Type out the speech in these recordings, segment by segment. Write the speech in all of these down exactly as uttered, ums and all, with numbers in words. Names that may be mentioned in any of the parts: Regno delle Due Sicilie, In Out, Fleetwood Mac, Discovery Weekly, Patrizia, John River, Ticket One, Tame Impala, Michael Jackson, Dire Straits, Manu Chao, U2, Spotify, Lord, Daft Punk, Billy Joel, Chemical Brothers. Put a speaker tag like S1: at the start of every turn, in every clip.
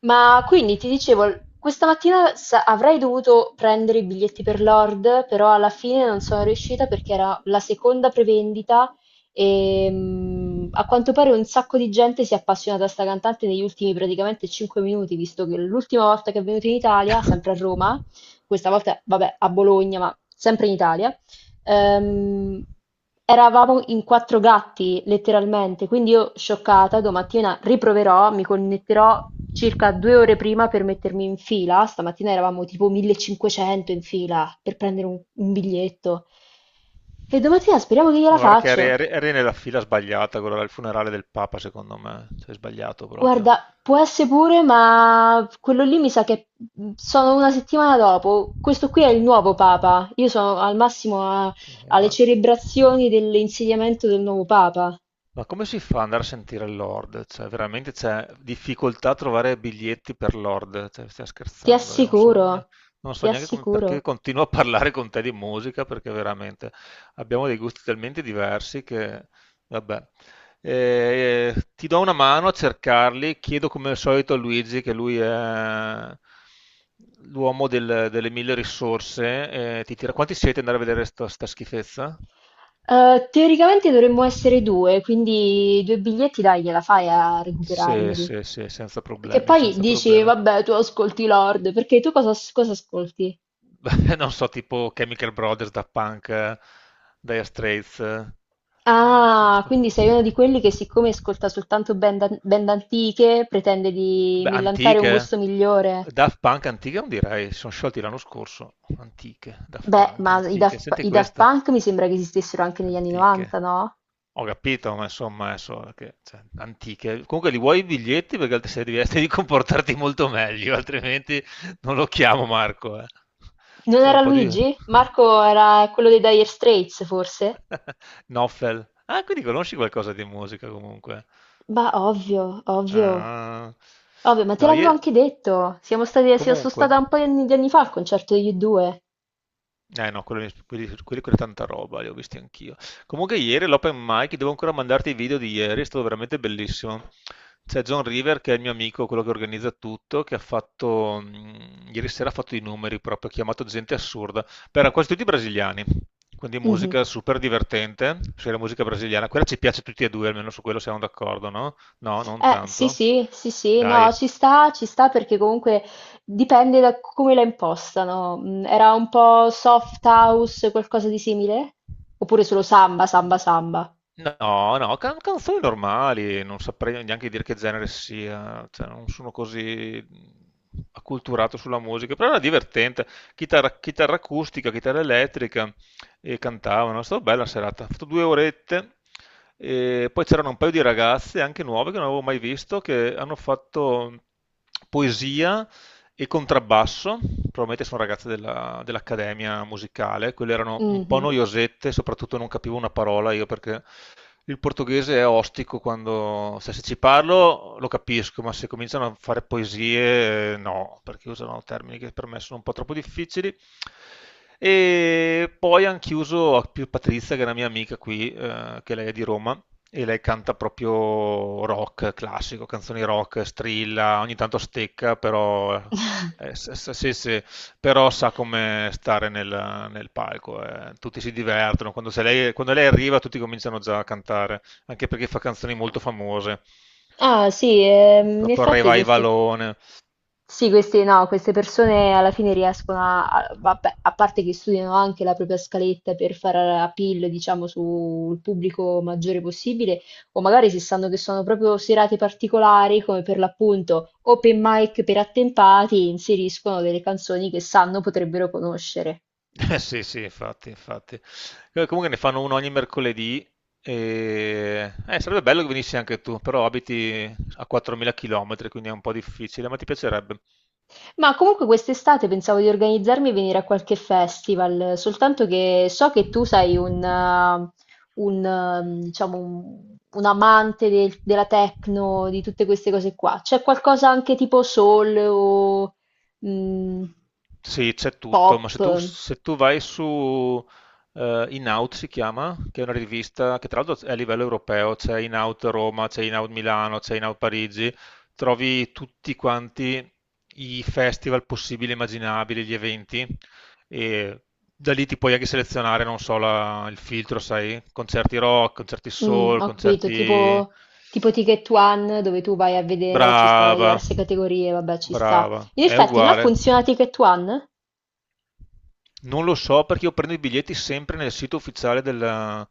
S1: Ma quindi ti dicevo, l- questa mattina sa- avrei dovuto prendere i biglietti per Lord, però alla fine non sono riuscita perché era la seconda prevendita e mm, a quanto pare un sacco di gente si è appassionata a sta cantante negli ultimi praticamente cinque minuti, visto che l'ultima volta che è venuta in Italia, sempre a Roma, questa volta vabbè a Bologna, ma sempre in Italia, Ehm, eravamo in quattro gatti, letteralmente, quindi io, scioccata, domattina riproverò, mi connetterò circa due ore prima per mettermi in fila. Stamattina eravamo tipo millecinquecento in fila per prendere un, un biglietto. E domattina speriamo che gliela
S2: Guarda che eri,
S1: faccio.
S2: eri- eri nella fila sbagliata, quello là, il funerale del Papa, secondo me. Sei sbagliato proprio.
S1: Guarda, può essere pure, ma quello lì mi sa che sono una settimana dopo. Questo qui è il nuovo Papa. Io sono al massimo a-
S2: Eh,
S1: alle
S2: ma
S1: celebrazioni dell'insediamento del nuovo Papa.
S2: Ma come si fa ad andare a sentire Lord? Cioè, veramente c'è difficoltà a trovare biglietti per Lord? Cioè, stai
S1: Ti
S2: scherzando, io non so,
S1: assicuro,
S2: ne- non
S1: ti
S2: so neanche come-
S1: assicuro.
S2: perché continuo a parlare con te di musica, perché veramente abbiamo dei gusti talmente diversi che, vabbè. Eh, ti do una mano a cercarli, chiedo come al solito a Luigi, che lui è l'uomo del- delle mille risorse, eh, ti tira... Quanti siete andare a vedere sta, sta schifezza?
S1: Eh, teoricamente dovremmo essere due, quindi due biglietti dai, gliela fai a
S2: Sì,
S1: recuperarmeli.
S2: sì, sì, senza
S1: Che
S2: problemi,
S1: poi
S2: senza
S1: dici,
S2: problemi.
S1: vabbè, tu ascolti Lord, perché tu cosa, cosa ascolti?
S2: Beh, non so, tipo Chemical Brothers, da Punk, eh, Dire Straits. Eh, non so,
S1: Ah,
S2: st-
S1: quindi sei uno di quelli che siccome ascolta soltanto band, an- band antiche, pretende di
S2: Beh,
S1: millantare un gusto
S2: antiche.
S1: migliore.
S2: Daft Punk antiche non direi, si sono sciolti l'anno scorso. Antiche, Daft
S1: Beh,
S2: Punk
S1: ma i
S2: antiche.
S1: Daft, P-
S2: Senti
S1: i Daft
S2: questa,
S1: Punk mi sembra che esistessero anche negli anni novanta,
S2: antiche.
S1: no?
S2: Ho capito, ma insomma, adesso che, cioè, antiche. Comunque li vuoi i biglietti perché altri sei devi di comportarti molto meglio, altrimenti non lo chiamo Marco. eh.
S1: Non
S2: Cioè, un
S1: era
S2: po' di
S1: Luigi? Marco era quello dei Dire Straits, forse?
S2: Noffel. Ah, quindi conosci qualcosa di musica comunque.
S1: Bah, ovvio, ovvio,
S2: Ah.
S1: ovvio, ma te
S2: No,
S1: l'avevo
S2: io...
S1: anche detto. Siamo stati, sia- sono
S2: Comunque.
S1: stata un paio di anni di anni fa al concerto degli U due.
S2: Eh no, quelli, quelli, quelli con tanta roba, li ho visti anch'io. Comunque ieri l'open mic, devo ancora mandarti i video di ieri, è stato veramente bellissimo. C'è John River, che è il mio amico, quello che organizza tutto, che ha fatto, mh, ieri sera ha fatto i numeri proprio, ha chiamato gente assurda, per quasi tutti brasiliani, quindi
S1: Mhm.
S2: musica super divertente, se la musica brasiliana, quella ci piace a tutti e due, almeno su quello siamo d'accordo, no? No, non
S1: Eh, sì,
S2: tanto.
S1: sì, sì, sì,
S2: Dai.
S1: no, ci sta, ci sta perché comunque dipende da come la impostano. Mm, era un po' soft house, qualcosa di simile? Oppure solo samba, samba, samba?
S2: No, no, can- canzoni normali, non saprei neanche dire che genere sia, cioè, non sono così acculturato sulla musica, però era divertente, chitarra, chitarra acustica, chitarra elettrica e cantavano, è stata bella la serata, ho fatto due orette, e poi c'erano un paio di ragazze, anche nuove, che non avevo mai visto, che hanno fatto poesia e contrabbasso, probabilmente sono ragazze della- dell'accademia musicale, quelle erano un po'
S1: Mhm.
S2: noiosette, soprattutto non capivo una parola io perché il portoghese è ostico quando, cioè, se ci parlo lo capisco, ma se cominciano a fare poesie, eh, no, perché usano termini che per me sono un po' troppo difficili. E poi hanno chiuso a più Patrizia, che è una mia amica qui, eh, che lei è di Roma, e lei canta proprio rock classico, canzoni rock, strilla, ogni tanto stecca, però eh, se, se- se- se però sa come stare nel, nel palco, eh. tutti si divertono, quando, se lei, quando lei arriva tutti cominciano già a cantare, anche perché fa canzoni molto famose,
S1: Ah, sì, ehm, in
S2: proprio
S1: effetti queste.
S2: revivalone.
S1: Sì, queste, no, queste persone alla fine riescono a, a- vabbè, a parte che studiano anche la propria scaletta per fare appeal, diciamo, sul pubblico maggiore possibile, o magari se sanno che sono proprio serate particolari, come per l'appunto open mic per attempati, inseriscono delle canzoni che sanno potrebbero conoscere.
S2: Eh, sì sì infatti, infatti. Eh, Comunque ne fanno uno ogni mercoledì, e... eh, sarebbe bello che venissi anche tu, però abiti a quattromila chilometri, quindi è un po' difficile, ma ti piacerebbe.
S1: Ma comunque quest'estate pensavo di organizzarmi e venire a qualche festival, soltanto che so che tu sei un, eh, un, eh, diciamo, un- un amante del- della techno, di tutte queste cose qua. C'è qualcosa anche tipo soul o mm,
S2: Sì, c'è tutto,
S1: pop?
S2: ma se tu, se tu vai su eh, In Out si chiama, che è una rivista che tra l'altro è a livello europeo, c'è In Out Roma, c'è In Out Milano, c'è In Out Parigi, trovi tutti quanti i festival possibili e immaginabili, gli eventi, e da lì ti puoi anche selezionare, non so, la- il filtro, sai, concerti rock, concerti
S1: Mm,
S2: soul,
S1: ho capito,
S2: concerti...
S1: tipo, tipo Ticket One, dove tu vai a vedere, ci stanno le
S2: Brava,
S1: diverse categorie, vabbè, ci sta.
S2: brava,
S1: In
S2: è
S1: effetti, là
S2: uguale.
S1: funziona Ticket One?
S2: Non lo so perché io prendo i biglietti sempre nel sito ufficiale del,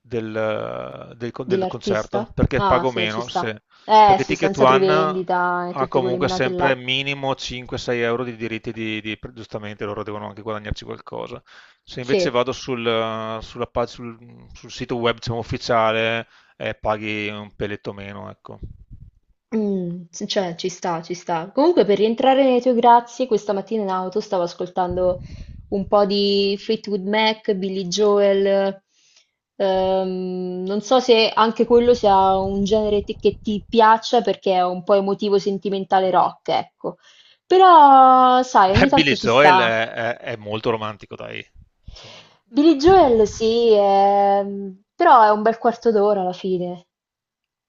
S2: del- del con- del concerto
S1: Dell'artista?
S2: perché
S1: Ah
S2: pago
S1: sì, ci
S2: meno,
S1: sta.
S2: se-
S1: Eh
S2: perché
S1: sì,
S2: Ticket
S1: senza
S2: One
S1: prevendita e
S2: ha
S1: tutte quelle
S2: comunque
S1: menate là.
S2: sempre minimo cinque-sei euro di diritti di, di- giustamente loro devono anche guadagnarci qualcosa. Se invece
S1: Sì,
S2: vado sul, sulla pag- sul- sul sito web diciamo, ufficiale, eh, paghi un peletto meno, ecco.
S1: mm, sì, cioè ci sta, ci sta. Comunque per rientrare nei tuoi grazie, questa mattina in auto stavo ascoltando un po' di Fleetwood Mac, Billy Joel. Ehm, non so se anche quello sia un genere ti- che ti piaccia perché è un po' emotivo, sentimentale rock, ecco. Però, sai,
S2: Beh,
S1: ogni tanto
S2: Billy
S1: ci
S2: Joel
S1: sta.
S2: è, è- è molto romantico, dai. Insomma.
S1: Billy Joel sì, ehm, però è un bel quarto d'ora alla fine.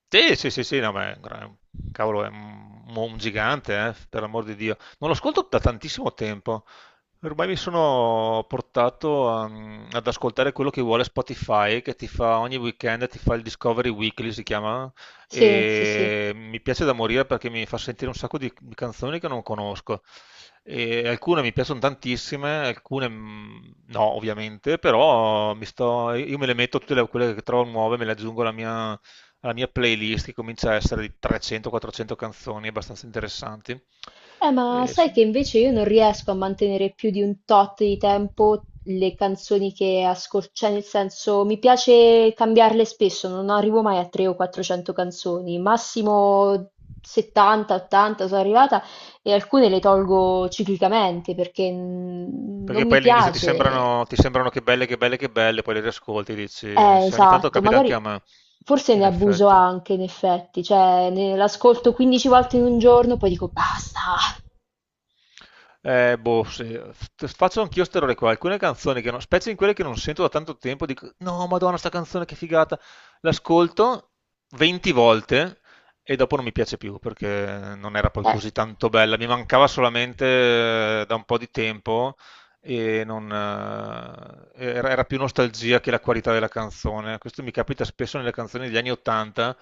S2: Sì, sì, sì, sì, no, ma è un gran- cavolo, è un, un gigante, eh, per l'amor di Dio. Non lo ascolto da tantissimo tempo. Ormai mi sono portato a- ad ascoltare quello che vuole Spotify, che ti fa ogni weekend, ti fa il Discovery Weekly, si chiama,
S1: Sì, sì, sì.
S2: e mi piace da morire perché mi fa sentire un sacco di, di canzoni che non conosco. E alcune mi piacciono tantissime, alcune mm, no, ovviamente, però mi sto, io me le metto tutte le- quelle che trovo nuove, me le aggiungo alla mia alla mia playlist che comincia a essere di trecento o quattrocento canzoni abbastanza interessanti.
S1: Eh, ma
S2: E
S1: sai
S2: so-
S1: che invece io non riesco a mantenere più di un tot di tempo le canzoni che ascolto, cioè nel senso mi piace cambiarle spesso, non arrivo mai a trecento o quattrocento canzoni, massimo settanta, ottanta sono arrivata e alcune le tolgo ciclicamente perché mm, non
S2: perché poi
S1: mi
S2: all'inizio ti
S1: piace.
S2: sembrano, ti sembrano che belle, che belle, che belle, poi le riascolti e dici,
S1: Eh,
S2: sì, ogni tanto
S1: esatto,
S2: capita anche a
S1: magari
S2: me,
S1: forse ne
S2: in
S1: abuso
S2: effetti.
S1: anche in effetti, cioè ne- l'ascolto quindici volte in un giorno, poi dico basta.
S2: Eh, boh, sì. F- Faccio anch'io ste robe qua, alcune canzoni che non, specie in quelle che non sento da tanto tempo, dico, no, madonna, sta canzone che figata. L'ascolto venti volte e dopo non mi piace più perché non era poi
S1: Eh,
S2: così tanto bella, mi mancava solamente eh, da un po' di tempo e non, eh, era, era più nostalgia che la qualità della canzone. Questo mi capita spesso nelle canzoni degli anni ottanta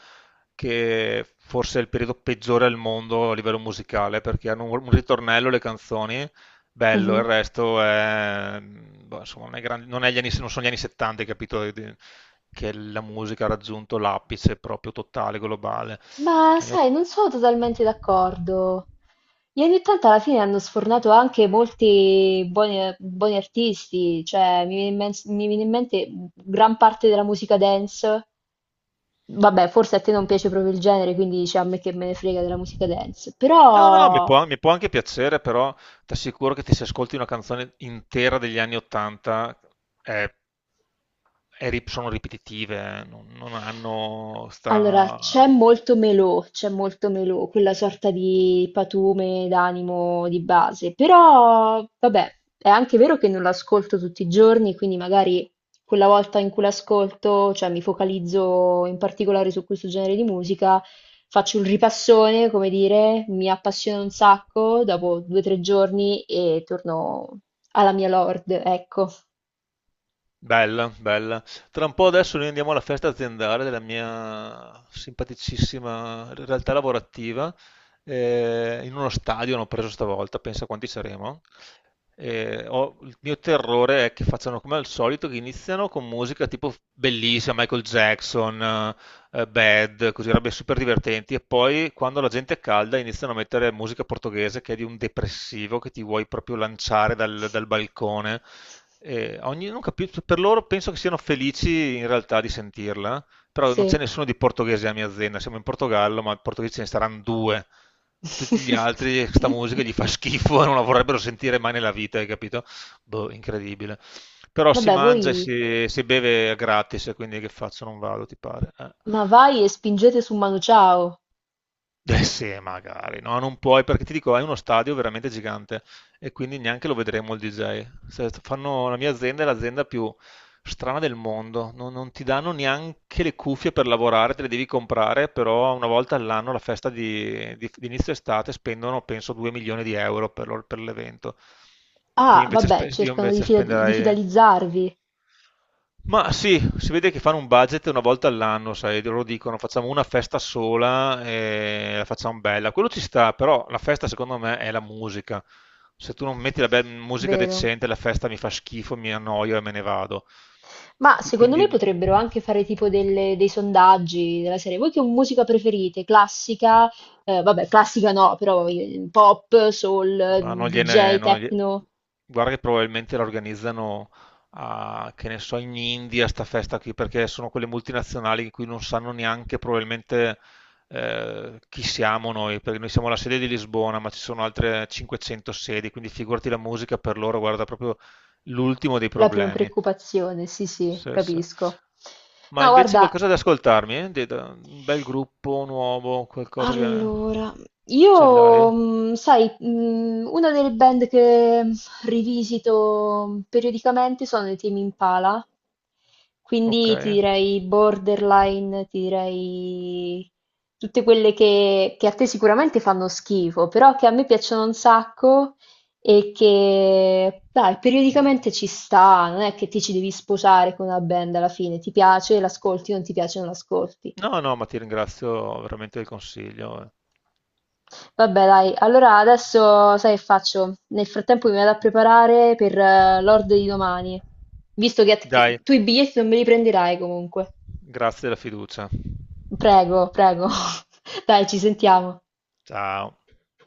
S2: che forse è il periodo peggiore al mondo a livello musicale, perché hanno un un ritornello le canzoni, bello,
S1: mhm.
S2: il resto è, boh, insomma, non è grande- non è gli anni- non sono gli anni settanta, hai capito, di- di- che la musica ha raggiunto l'apice proprio totale, globale.
S1: Ma
S2: Anni ott-
S1: sai, non sono totalmente d'accordo. Gli anni ottanta alla fine hanno sfornato anche molti buoni, buoni artisti, cioè mi viene in men- mi viene in mente gran parte della musica dance. Vabbè, forse a te non piace proprio il genere, quindi dici a me che me ne frega della musica dance,
S2: No, no, mi
S1: però
S2: può, mi può anche piacere, però ti assicuro che ti se ascolti una canzone intera degli anni ottanta è è ri- sono ripetitive, eh, non, non hanno
S1: allora,
S2: sta...
S1: c'è molto melò, c'è molto melò, quella sorta di patume d'animo di base, però vabbè, è anche vero che non l'ascolto tutti i giorni, quindi magari quella volta in cui l'ascolto, cioè mi focalizzo in particolare su questo genere di musica, faccio un ripassone, come dire, mi appassiona un sacco, dopo due o tre giorni e torno alla mia Lord, ecco,
S2: Bella, bella. Tra un po' adesso noi andiamo alla festa aziendale della mia simpaticissima realtà lavorativa, eh, in uno stadio hanno preso stavolta, pensa quanti saremo. Eh, ho- il mio terrore è che facciano come al solito, che iniziano con musica tipo bellissima, Michael Jackson, eh, Bad, così robe super divertenti, e poi quando la gente è calda iniziano a mettere musica portoghese che è di un depressivo che ti vuoi proprio lanciare dal dal balcone. E ogni- non capisco, per loro penso che siano felici in realtà di sentirla, però non c'è
S1: sì.
S2: nessuno di portoghese a mia azienda, siamo in Portogallo, ma portoghesi ce ne saranno due. Tutti gli altri, questa musica gli fa schifo e non la vorrebbero sentire mai nella vita, hai capito? Boh, incredibile. Però si
S1: Vabbè,
S2: mangia e
S1: voi...
S2: si, si beve gratis, quindi che faccio? Non vado, ti pare? Eh,
S1: Ma vai e spingete su Manu Chao.
S2: Eh sì, magari, no, non puoi, perché ti dico, hai uno stadio veramente gigante e quindi neanche lo vedremo il D J. Se fanno la mia azienda è l'azienda più strana del mondo, non, non ti danno neanche le cuffie per lavorare, te le devi comprare, però una volta all'anno, la festa di, di- di inizio estate, spendono penso due milioni di euro per, loro- per l'evento, che io
S1: Ah,
S2: invece, spe-
S1: vabbè,
S2: io
S1: cercano di,
S2: invece
S1: fida- di
S2: spenderei...
S1: fidalizzarvi,
S2: Ma sì, si vede che fanno un budget una volta all'anno, sai, loro dicono facciamo una festa sola e la facciamo bella. Quello ci sta, però la festa secondo me è la musica. Se tu non metti la bel- musica
S1: vero?
S2: decente, la festa mi fa schifo, mi annoio e me ne vado.
S1: Ma
S2: Qui-
S1: secondo me
S2: Quindi,
S1: potrebbero anche fare tipo delle- dei sondaggi della serie. Voi che musica preferite? Classica? Eh, vabbè,
S2: mm,
S1: classica no, però eh, pop, soul,
S2: ma non gliene,
S1: D J,
S2: non glie-
S1: techno?
S2: guarda che probabilmente la organizzano a, che ne so, in India, sta festa qui, perché sono quelle multinazionali in cui non sanno neanche probabilmente eh, chi siamo noi, perché noi siamo la sede di Lisbona, ma ci sono altre cinquecento sedi, quindi figurati la musica per loro, guarda, proprio l'ultimo dei
S1: La prima
S2: problemi.
S1: preoccupazione, sì, sì,
S2: Sì, sì.
S1: capisco.
S2: Ma
S1: No,
S2: invece
S1: guarda,
S2: qualcosa da ascoltarmi, eh? De- da- Un bel gruppo nuovo, qualcosa che
S1: allora,
S2: ce l'hai?
S1: io, mhmm, sai, mhmm, una delle band che mm, rivisito periodicamente sono i Tame Impala,
S2: Ok.
S1: quindi ti direi Borderline, ti direi tutte quelle che, che a te sicuramente fanno schifo, però che a me piacciono un sacco e che, dai, periodicamente ci sta, non è che ti ci devi sposare con una band alla fine, ti piace, l'ascolti, non ti piace, non l'ascolti.
S2: No, no, ma ti ringrazio veramente del consiglio. eh.
S1: Vabbè dai, allora adesso sai che faccio? Nel frattempo mi vado a preparare per eh, l'ordo di domani, visto che, che
S2: Dai,
S1: tu i biglietti non me li prenderai comunque.
S2: grazie della fiducia.
S1: Prego, prego. Dai, ci sentiamo.
S2: Ciao.